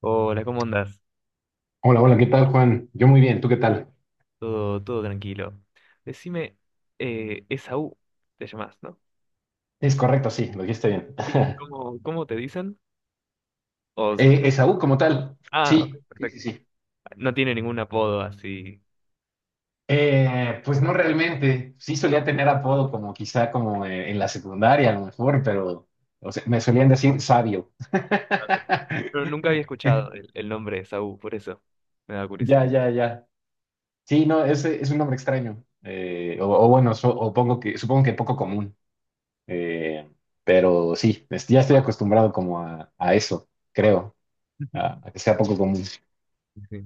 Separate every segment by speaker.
Speaker 1: Hola, ¿cómo andás?
Speaker 2: Hola, hola, ¿qué tal, Juan? Yo muy bien, ¿tú qué tal?
Speaker 1: Todo tranquilo. Decime, Esaú, te llamás, ¿no?
Speaker 2: Es correcto, sí, lo dijiste bien.
Speaker 1: ¿Y cómo te dicen? O
Speaker 2: Esaú, como tal,
Speaker 1: ah, ok,
Speaker 2: sí, sí, sí,
Speaker 1: perfecto.
Speaker 2: sí.
Speaker 1: No tiene ningún apodo así.
Speaker 2: Pues no realmente, sí solía tener apodo como quizá como en la secundaria a lo mejor, pero o sea, me solían decir sabio.
Speaker 1: Está bien. Pero nunca había escuchado el nombre de Esaú, por eso me da
Speaker 2: Ya,
Speaker 1: curiosidad.
Speaker 2: ya, ya. Sí, no, es un nombre extraño. O, o bueno, o pongo que, supongo que poco común. Eh, pero sí, ya estoy acostumbrado como a eso, creo, a que sea poco común.
Speaker 1: Sí.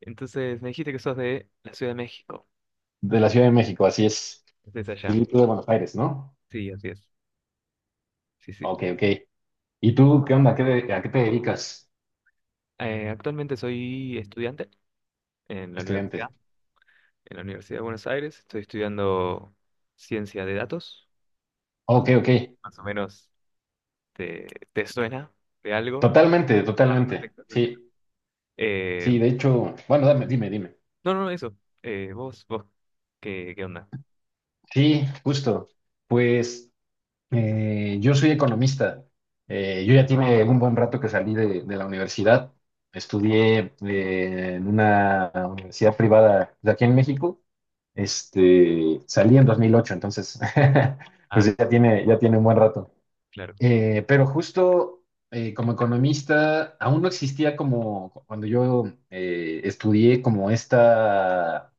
Speaker 1: Entonces, me dijiste que sos de la Ciudad de México,
Speaker 2: De la Ciudad de México, así es.
Speaker 1: desde allá.
Speaker 2: Y tú de Buenos Aires, ¿no?
Speaker 1: Sí, así es. Sí,
Speaker 2: Ok,
Speaker 1: sí.
Speaker 2: ok. ¿Y tú qué onda? ¿A qué te dedicas,
Speaker 1: Actualmente soy estudiante en la universidad,
Speaker 2: estudiante?
Speaker 1: en la Universidad de Buenos Aires. Estoy estudiando ciencia de datos. Pues,
Speaker 2: Ok, ok.
Speaker 1: más o menos, ¿te, te suena de algo?
Speaker 2: Totalmente,
Speaker 1: Ah,
Speaker 2: totalmente.
Speaker 1: perfecto, perfecto.
Speaker 2: Sí,
Speaker 1: Eh,
Speaker 2: sí, de hecho, bueno, dime, dime.
Speaker 1: no, no, eso. Vos, ¿qué, qué onda?
Speaker 2: Sí, justo. Pues yo soy economista. Yo ya tiene un buen rato que salí de la universidad. Estudié en una universidad privada de aquí en México. Este, salí en 2008, entonces
Speaker 1: Ah,
Speaker 2: pues
Speaker 1: sí,
Speaker 2: ya tiene un buen rato.
Speaker 1: claro.
Speaker 2: Pero justo como economista, aún no existía como cuando yo estudié como esta...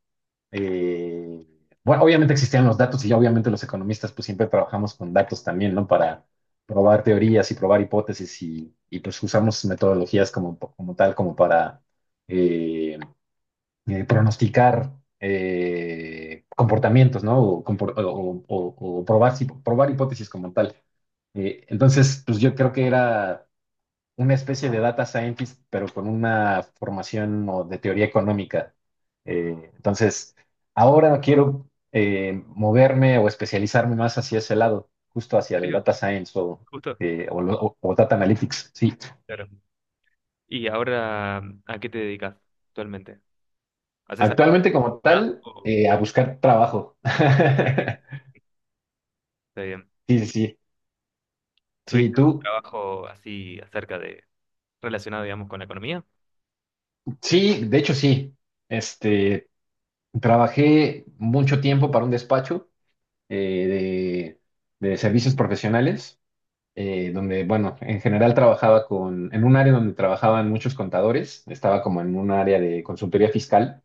Speaker 2: eh, bueno, obviamente existían los datos y ya obviamente los economistas pues siempre trabajamos con datos también, ¿no? Para probar teorías y probar hipótesis y pues usamos metodologías como, como tal, como para... eh, pronosticar comportamientos, ¿no? O, o probar, probar hipótesis como tal. Entonces, pues yo creo que era una especie de data scientist, pero con una formación o de teoría económica. Entonces, ahora quiero moverme o especializarme más hacia ese lado, justo hacia
Speaker 1: ¿En
Speaker 2: el
Speaker 1: serio?
Speaker 2: data science o,
Speaker 1: Justo.
Speaker 2: o data analytics, sí.
Speaker 1: Claro. ¿Y ahora a qué te dedicas actualmente? ¿Haces algo?
Speaker 2: Actualmente como
Speaker 1: ¿Nada?
Speaker 2: tal,
Speaker 1: O-
Speaker 2: a buscar trabajo.
Speaker 1: Ah, ok, ok. Está bien.
Speaker 2: Sí, sí, sí. Sí,
Speaker 1: ¿Tuviste algún
Speaker 2: tú,
Speaker 1: trabajo así acerca de, relacionado, digamos, con la economía?
Speaker 2: sí, de hecho sí. Este, trabajé mucho tiempo para un despacho eh, de servicios profesionales, donde, bueno, en general trabajaba con, en un área donde trabajaban muchos contadores, estaba como en un área de consultoría fiscal.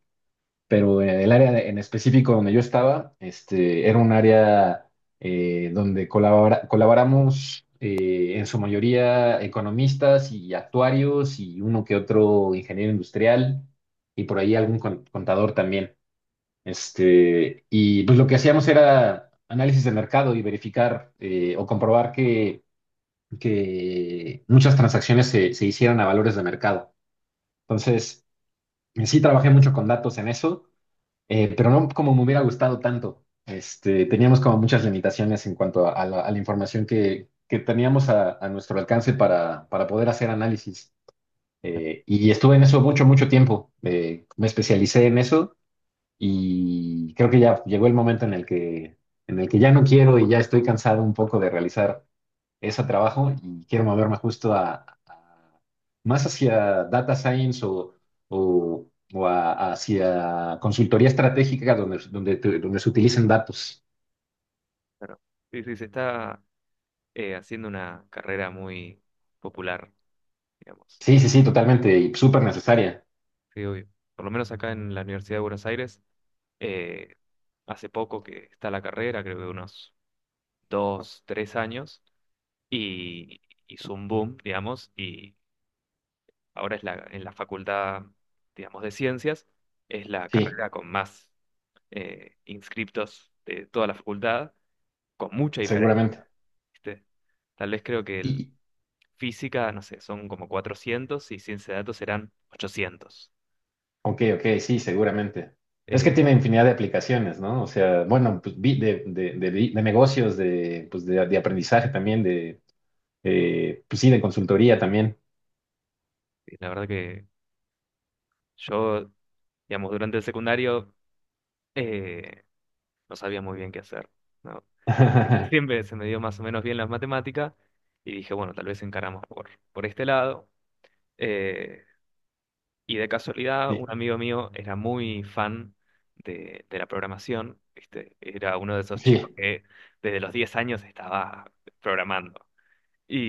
Speaker 2: Pero el en específico donde yo estaba, este, era un área donde colaboramos en su mayoría economistas y actuarios y uno que otro ingeniero industrial y por ahí algún contador también. Este, y pues lo que hacíamos era análisis de mercado y verificar o comprobar que muchas transacciones se hicieron a valores de mercado. Entonces, sí trabajé mucho con datos en eso pero no como me hubiera gustado tanto. Este, teníamos como muchas limitaciones en cuanto a la información que teníamos a nuestro alcance para poder hacer análisis. Y estuve en eso mucho, mucho tiempo. Me especialicé en eso y creo que ya llegó el momento en el que ya no quiero y ya estoy cansado un poco de realizar es a trabajo y quiero moverme justo más hacia data science o, o- hacia consultoría estratégica donde, donde, donde se utilicen datos.
Speaker 1: Claro. Sí, sí, se está haciendo una carrera muy popular, digamos.
Speaker 2: Sí, sí, sí, totalmente y súper necesaria.
Speaker 1: Sí, obvio. Por lo menos acá en la Universidad de Buenos Aires, eh, hace poco que está la carrera, creo que unos dos, tres años, y hizo un boom, digamos, y ahora es la, en la facultad, digamos, de ciencias, es la
Speaker 2: Sí,
Speaker 1: carrera con más inscriptos de toda la facultad, con mucha diferencia,
Speaker 2: seguramente.
Speaker 1: ¿viste? Tal vez creo que el
Speaker 2: Y,
Speaker 1: física, no sé, son como 400 y ciencia de datos serán 800.
Speaker 2: ok, ok, sí, seguramente. Es que
Speaker 1: Eh,
Speaker 2: tiene infinidad de aplicaciones, ¿no? O sea, bueno, pues, de negocios, de, pues, de aprendizaje también, de, pues sí, de consultoría también.
Speaker 1: y la verdad que yo, digamos, durante el secundario eh, no sabía muy bien qué hacer, ¿no? Siempre se me dio más o menos bien las matemáticas y dije, bueno, tal vez encaramos por este lado. Eh, y de casualidad,
Speaker 2: Sí,
Speaker 1: un amigo mío era muy fan de la programación, ¿viste? Era uno de esos chicos
Speaker 2: sí.
Speaker 1: que desde los 10 años estaba programando.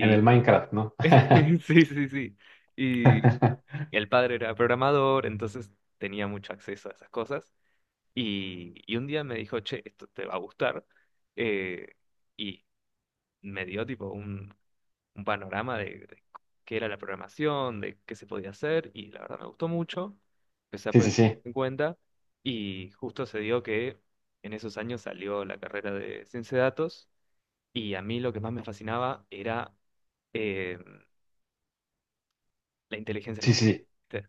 Speaker 2: En el Minecraft, ¿no?
Speaker 1: sí, sí, sí. Y el padre era programador, entonces tenía mucho acceso a esas cosas. Y un día me dijo, che, esto te va a gustar. eh, y me dio tipo un panorama de qué era la programación, de qué se podía hacer. Y la verdad me gustó mucho. Empecé a
Speaker 2: Sí, sí,
Speaker 1: poner
Speaker 2: sí,
Speaker 1: en cuenta. Y justo se dio que en esos años salió la carrera de ciencia de datos. Y a mí lo que más me fascinaba era eh, la inteligencia
Speaker 2: sí,
Speaker 1: artificial.
Speaker 2: sí.
Speaker 1: ¿Viste?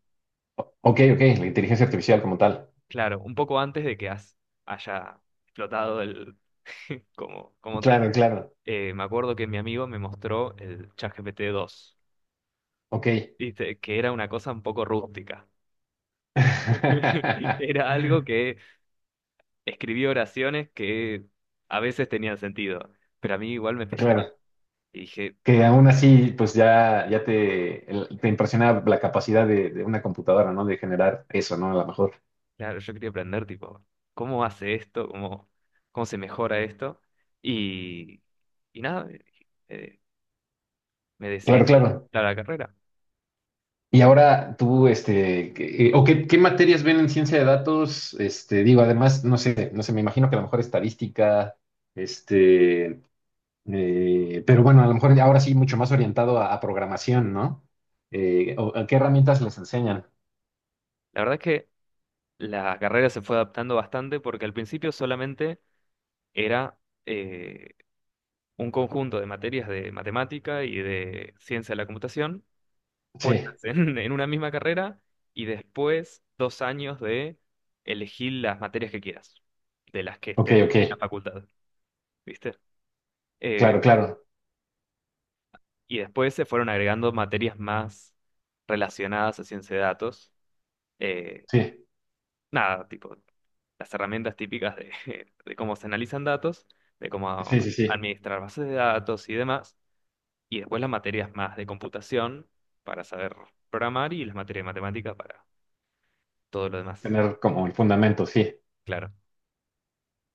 Speaker 2: Ok, ok, la inteligencia artificial como tal.
Speaker 1: Claro, un poco antes de que haya explotado el, como
Speaker 2: Claro,
Speaker 1: tal.
Speaker 2: claro,
Speaker 1: Me acuerdo que mi amigo me mostró el ChatGPT 2,
Speaker 2: ok.
Speaker 1: ¿viste? Que era una cosa un poco rústica. Era algo que escribía oraciones que a veces tenían sentido, pero a mí igual me fascinaba.
Speaker 2: Claro,
Speaker 1: Y dije,
Speaker 2: que aún así, pues ya, te impresiona la capacidad de una computadora, ¿no? De generar eso, ¿no? A lo mejor.
Speaker 1: claro, yo quería aprender, tipo, ¿cómo hace esto? Cómo se mejora esto? Y, y nada, eh, me
Speaker 2: Claro,
Speaker 1: decidí
Speaker 2: claro.
Speaker 1: a la carrera.
Speaker 2: Y
Speaker 1: Eh,
Speaker 2: ahora tú, este, qué materias ven en ciencia de datos, este, digo, además, no sé, no sé, me imagino que a lo mejor estadística, este. Pero bueno, a lo mejor ahora sí mucho más orientado a programación, ¿no? ¿A qué herramientas les enseñan?
Speaker 1: la verdad es que la carrera se fue adaptando bastante porque al principio solamente era... eh, un conjunto de materias de matemática y de ciencia de la computación puestas
Speaker 2: Sí,
Speaker 1: en una misma carrera y después dos años de elegir las materias que quieras, de las que
Speaker 2: ok,
Speaker 1: estén
Speaker 2: ok,
Speaker 1: en la facultad, ¿viste? Eh,
Speaker 2: claro, claro,
Speaker 1: y después se fueron agregando materias más relacionadas a ciencia de datos. eh,
Speaker 2: sí,
Speaker 1: Nada, tipo las herramientas típicas de, de cómo se analizan datos, de cómo
Speaker 2: sí, sí, sí,
Speaker 1: administrar bases de datos y demás. Y después las materias más de computación para saber programar y las materias de matemática para todo lo demás.
Speaker 2: tener como el fundamento, sí.
Speaker 1: Claro.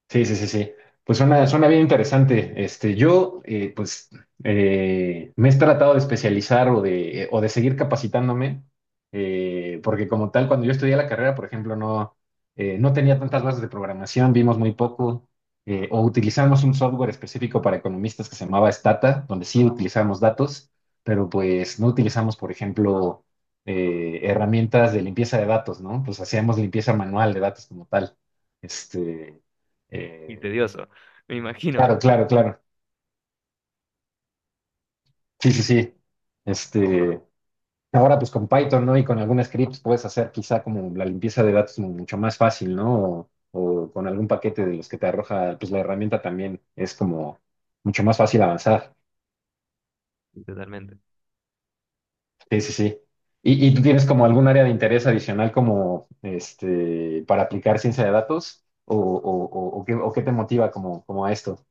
Speaker 2: Sí, sí, sí, sí. Pues suena, suena bien interesante. Este, yo, pues, me he tratado de especializar o de seguir capacitándome, porque como tal, cuando yo estudié la carrera, por ejemplo, no, no tenía tantas bases de programación, vimos muy poco, o utilizamos un software específico para economistas que se llamaba Stata, donde sí utilizamos datos, pero pues no utilizamos, por ejemplo, herramientas de limpieza de datos, ¿no? Pues hacíamos limpieza manual de datos como tal. Este,
Speaker 1: Y
Speaker 2: eh,
Speaker 1: tedioso, me
Speaker 2: Claro,
Speaker 1: imagino.
Speaker 2: claro, claro. Sí, sí, sí. Este, ahora pues con Python, ¿no? Y con algún scripts puedes hacer quizá como la limpieza de datos mucho más fácil, ¿no? O con algún paquete de los que te arroja, pues la herramienta también es como mucho más fácil avanzar.
Speaker 1: Sí, totalmente.
Speaker 2: Sí, sí, sí. ¿Y tú tienes como algún área de interés adicional como este para aplicar ciencia de datos? O, o qué te motiva como, como a esto?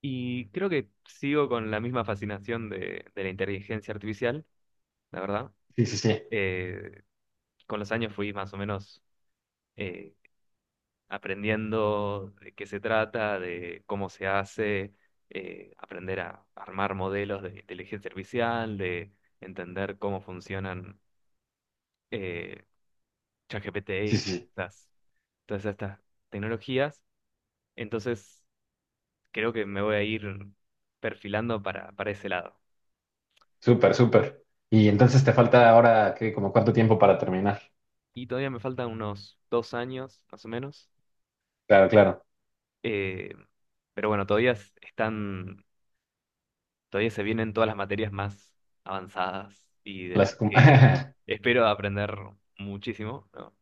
Speaker 1: Y creo que sigo con la misma fascinación de la inteligencia artificial, la verdad.
Speaker 2: Sí, sí, sí.
Speaker 1: Eh, con los años fui más o menos eh, aprendiendo de qué se trata, de cómo se hace, aprender a armar modelos de inteligencia artificial, de entender cómo funcionan. eh, ChatGPT
Speaker 2: Sí,
Speaker 1: y
Speaker 2: sí, sí.
Speaker 1: las, todas estas tecnologías. Entonces, creo que me voy a ir perfilando para ese lado.
Speaker 2: Súper, súper. Y entonces te falta ahora, ¿qué? ¿Como cuánto tiempo para terminar?
Speaker 1: Y todavía me faltan unos dos años, más o menos.
Speaker 2: Claro, claro.
Speaker 1: Eh, pero bueno, están, todavía se vienen todas las materias más avanzadas y de
Speaker 2: Las...
Speaker 1: las que espero aprender muchísimo, ¿no?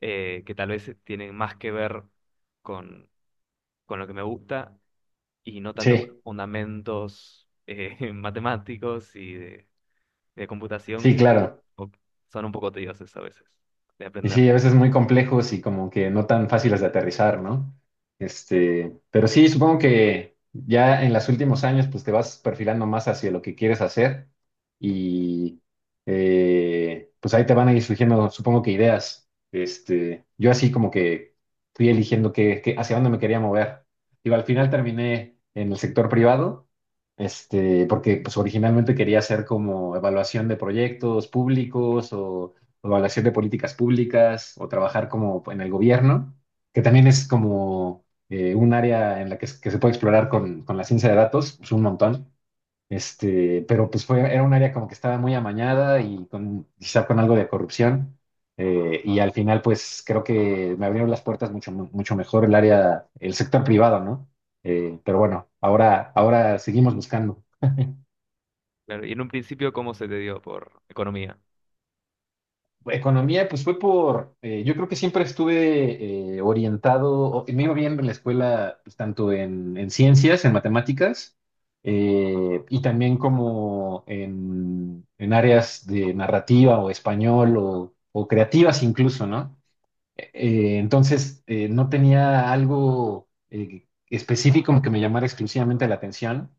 Speaker 1: Que tal vez tienen más que ver con, con lo que me gusta y no tanto
Speaker 2: Sí,
Speaker 1: fundamentos matemáticos y de computación
Speaker 2: sí,
Speaker 1: que
Speaker 2: claro.
Speaker 1: o- son un poco tediosos a veces de
Speaker 2: Y
Speaker 1: aprender.
Speaker 2: sí, a veces muy complejos y como que no tan fáciles de aterrizar, ¿no? Este, pero sí, supongo que ya en los últimos años pues te vas perfilando más hacia lo que quieres hacer y pues ahí te van a ir surgiendo, supongo que ideas. Este, yo así como que fui eligiendo hacia dónde me quería mover. Digo, al final terminé en el sector privado, este, porque pues originalmente quería hacer como evaluación de proyectos públicos o evaluación de políticas públicas o trabajar como en el gobierno, que también es como un área en la que, que se puede explorar con la ciencia de datos, pues un montón. Este, pero pues fue, era un área como que estaba muy amañada y con, quizá con algo de corrupción. Y al final, pues creo que me abrieron las puertas mucho, mucho mejor el área, el sector privado, ¿no? Pero bueno, ahora, ahora seguimos buscando.
Speaker 1: Claro, y en un principio, ¿cómo se te dio por economía?
Speaker 2: Economía, pues fue por, yo creo que siempre estuve orientado, me iba bien en la escuela, pues, tanto en ciencias, en matemáticas, y también como en áreas de narrativa o español o creativas incluso, ¿no? Entonces, no tenía algo específico que me llamara exclusivamente la atención.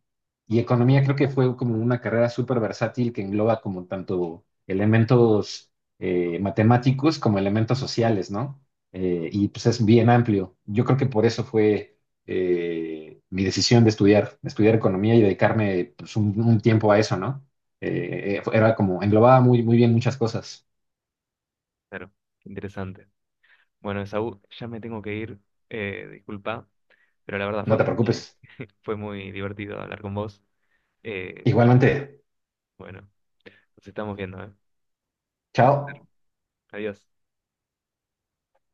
Speaker 2: Y economía creo que fue como una carrera súper versátil que engloba como tanto elementos matemáticos como elementos sociales, ¿no? Y pues es bien amplio. Yo creo que por eso fue mi decisión de estudiar economía y dedicarme pues, un tiempo a eso, ¿no? Era como, englobaba muy, muy bien muchas cosas.
Speaker 1: Claro, interesante. Bueno, Esaú, ya me tengo que ir, disculpa, pero la verdad
Speaker 2: No te preocupes.
Speaker 1: fue muy divertido hablar con vos. Eh,
Speaker 2: Igualmente,
Speaker 1: bueno, nos estamos viendo, ¿eh? Un
Speaker 2: chao.
Speaker 1: placer. Adiós.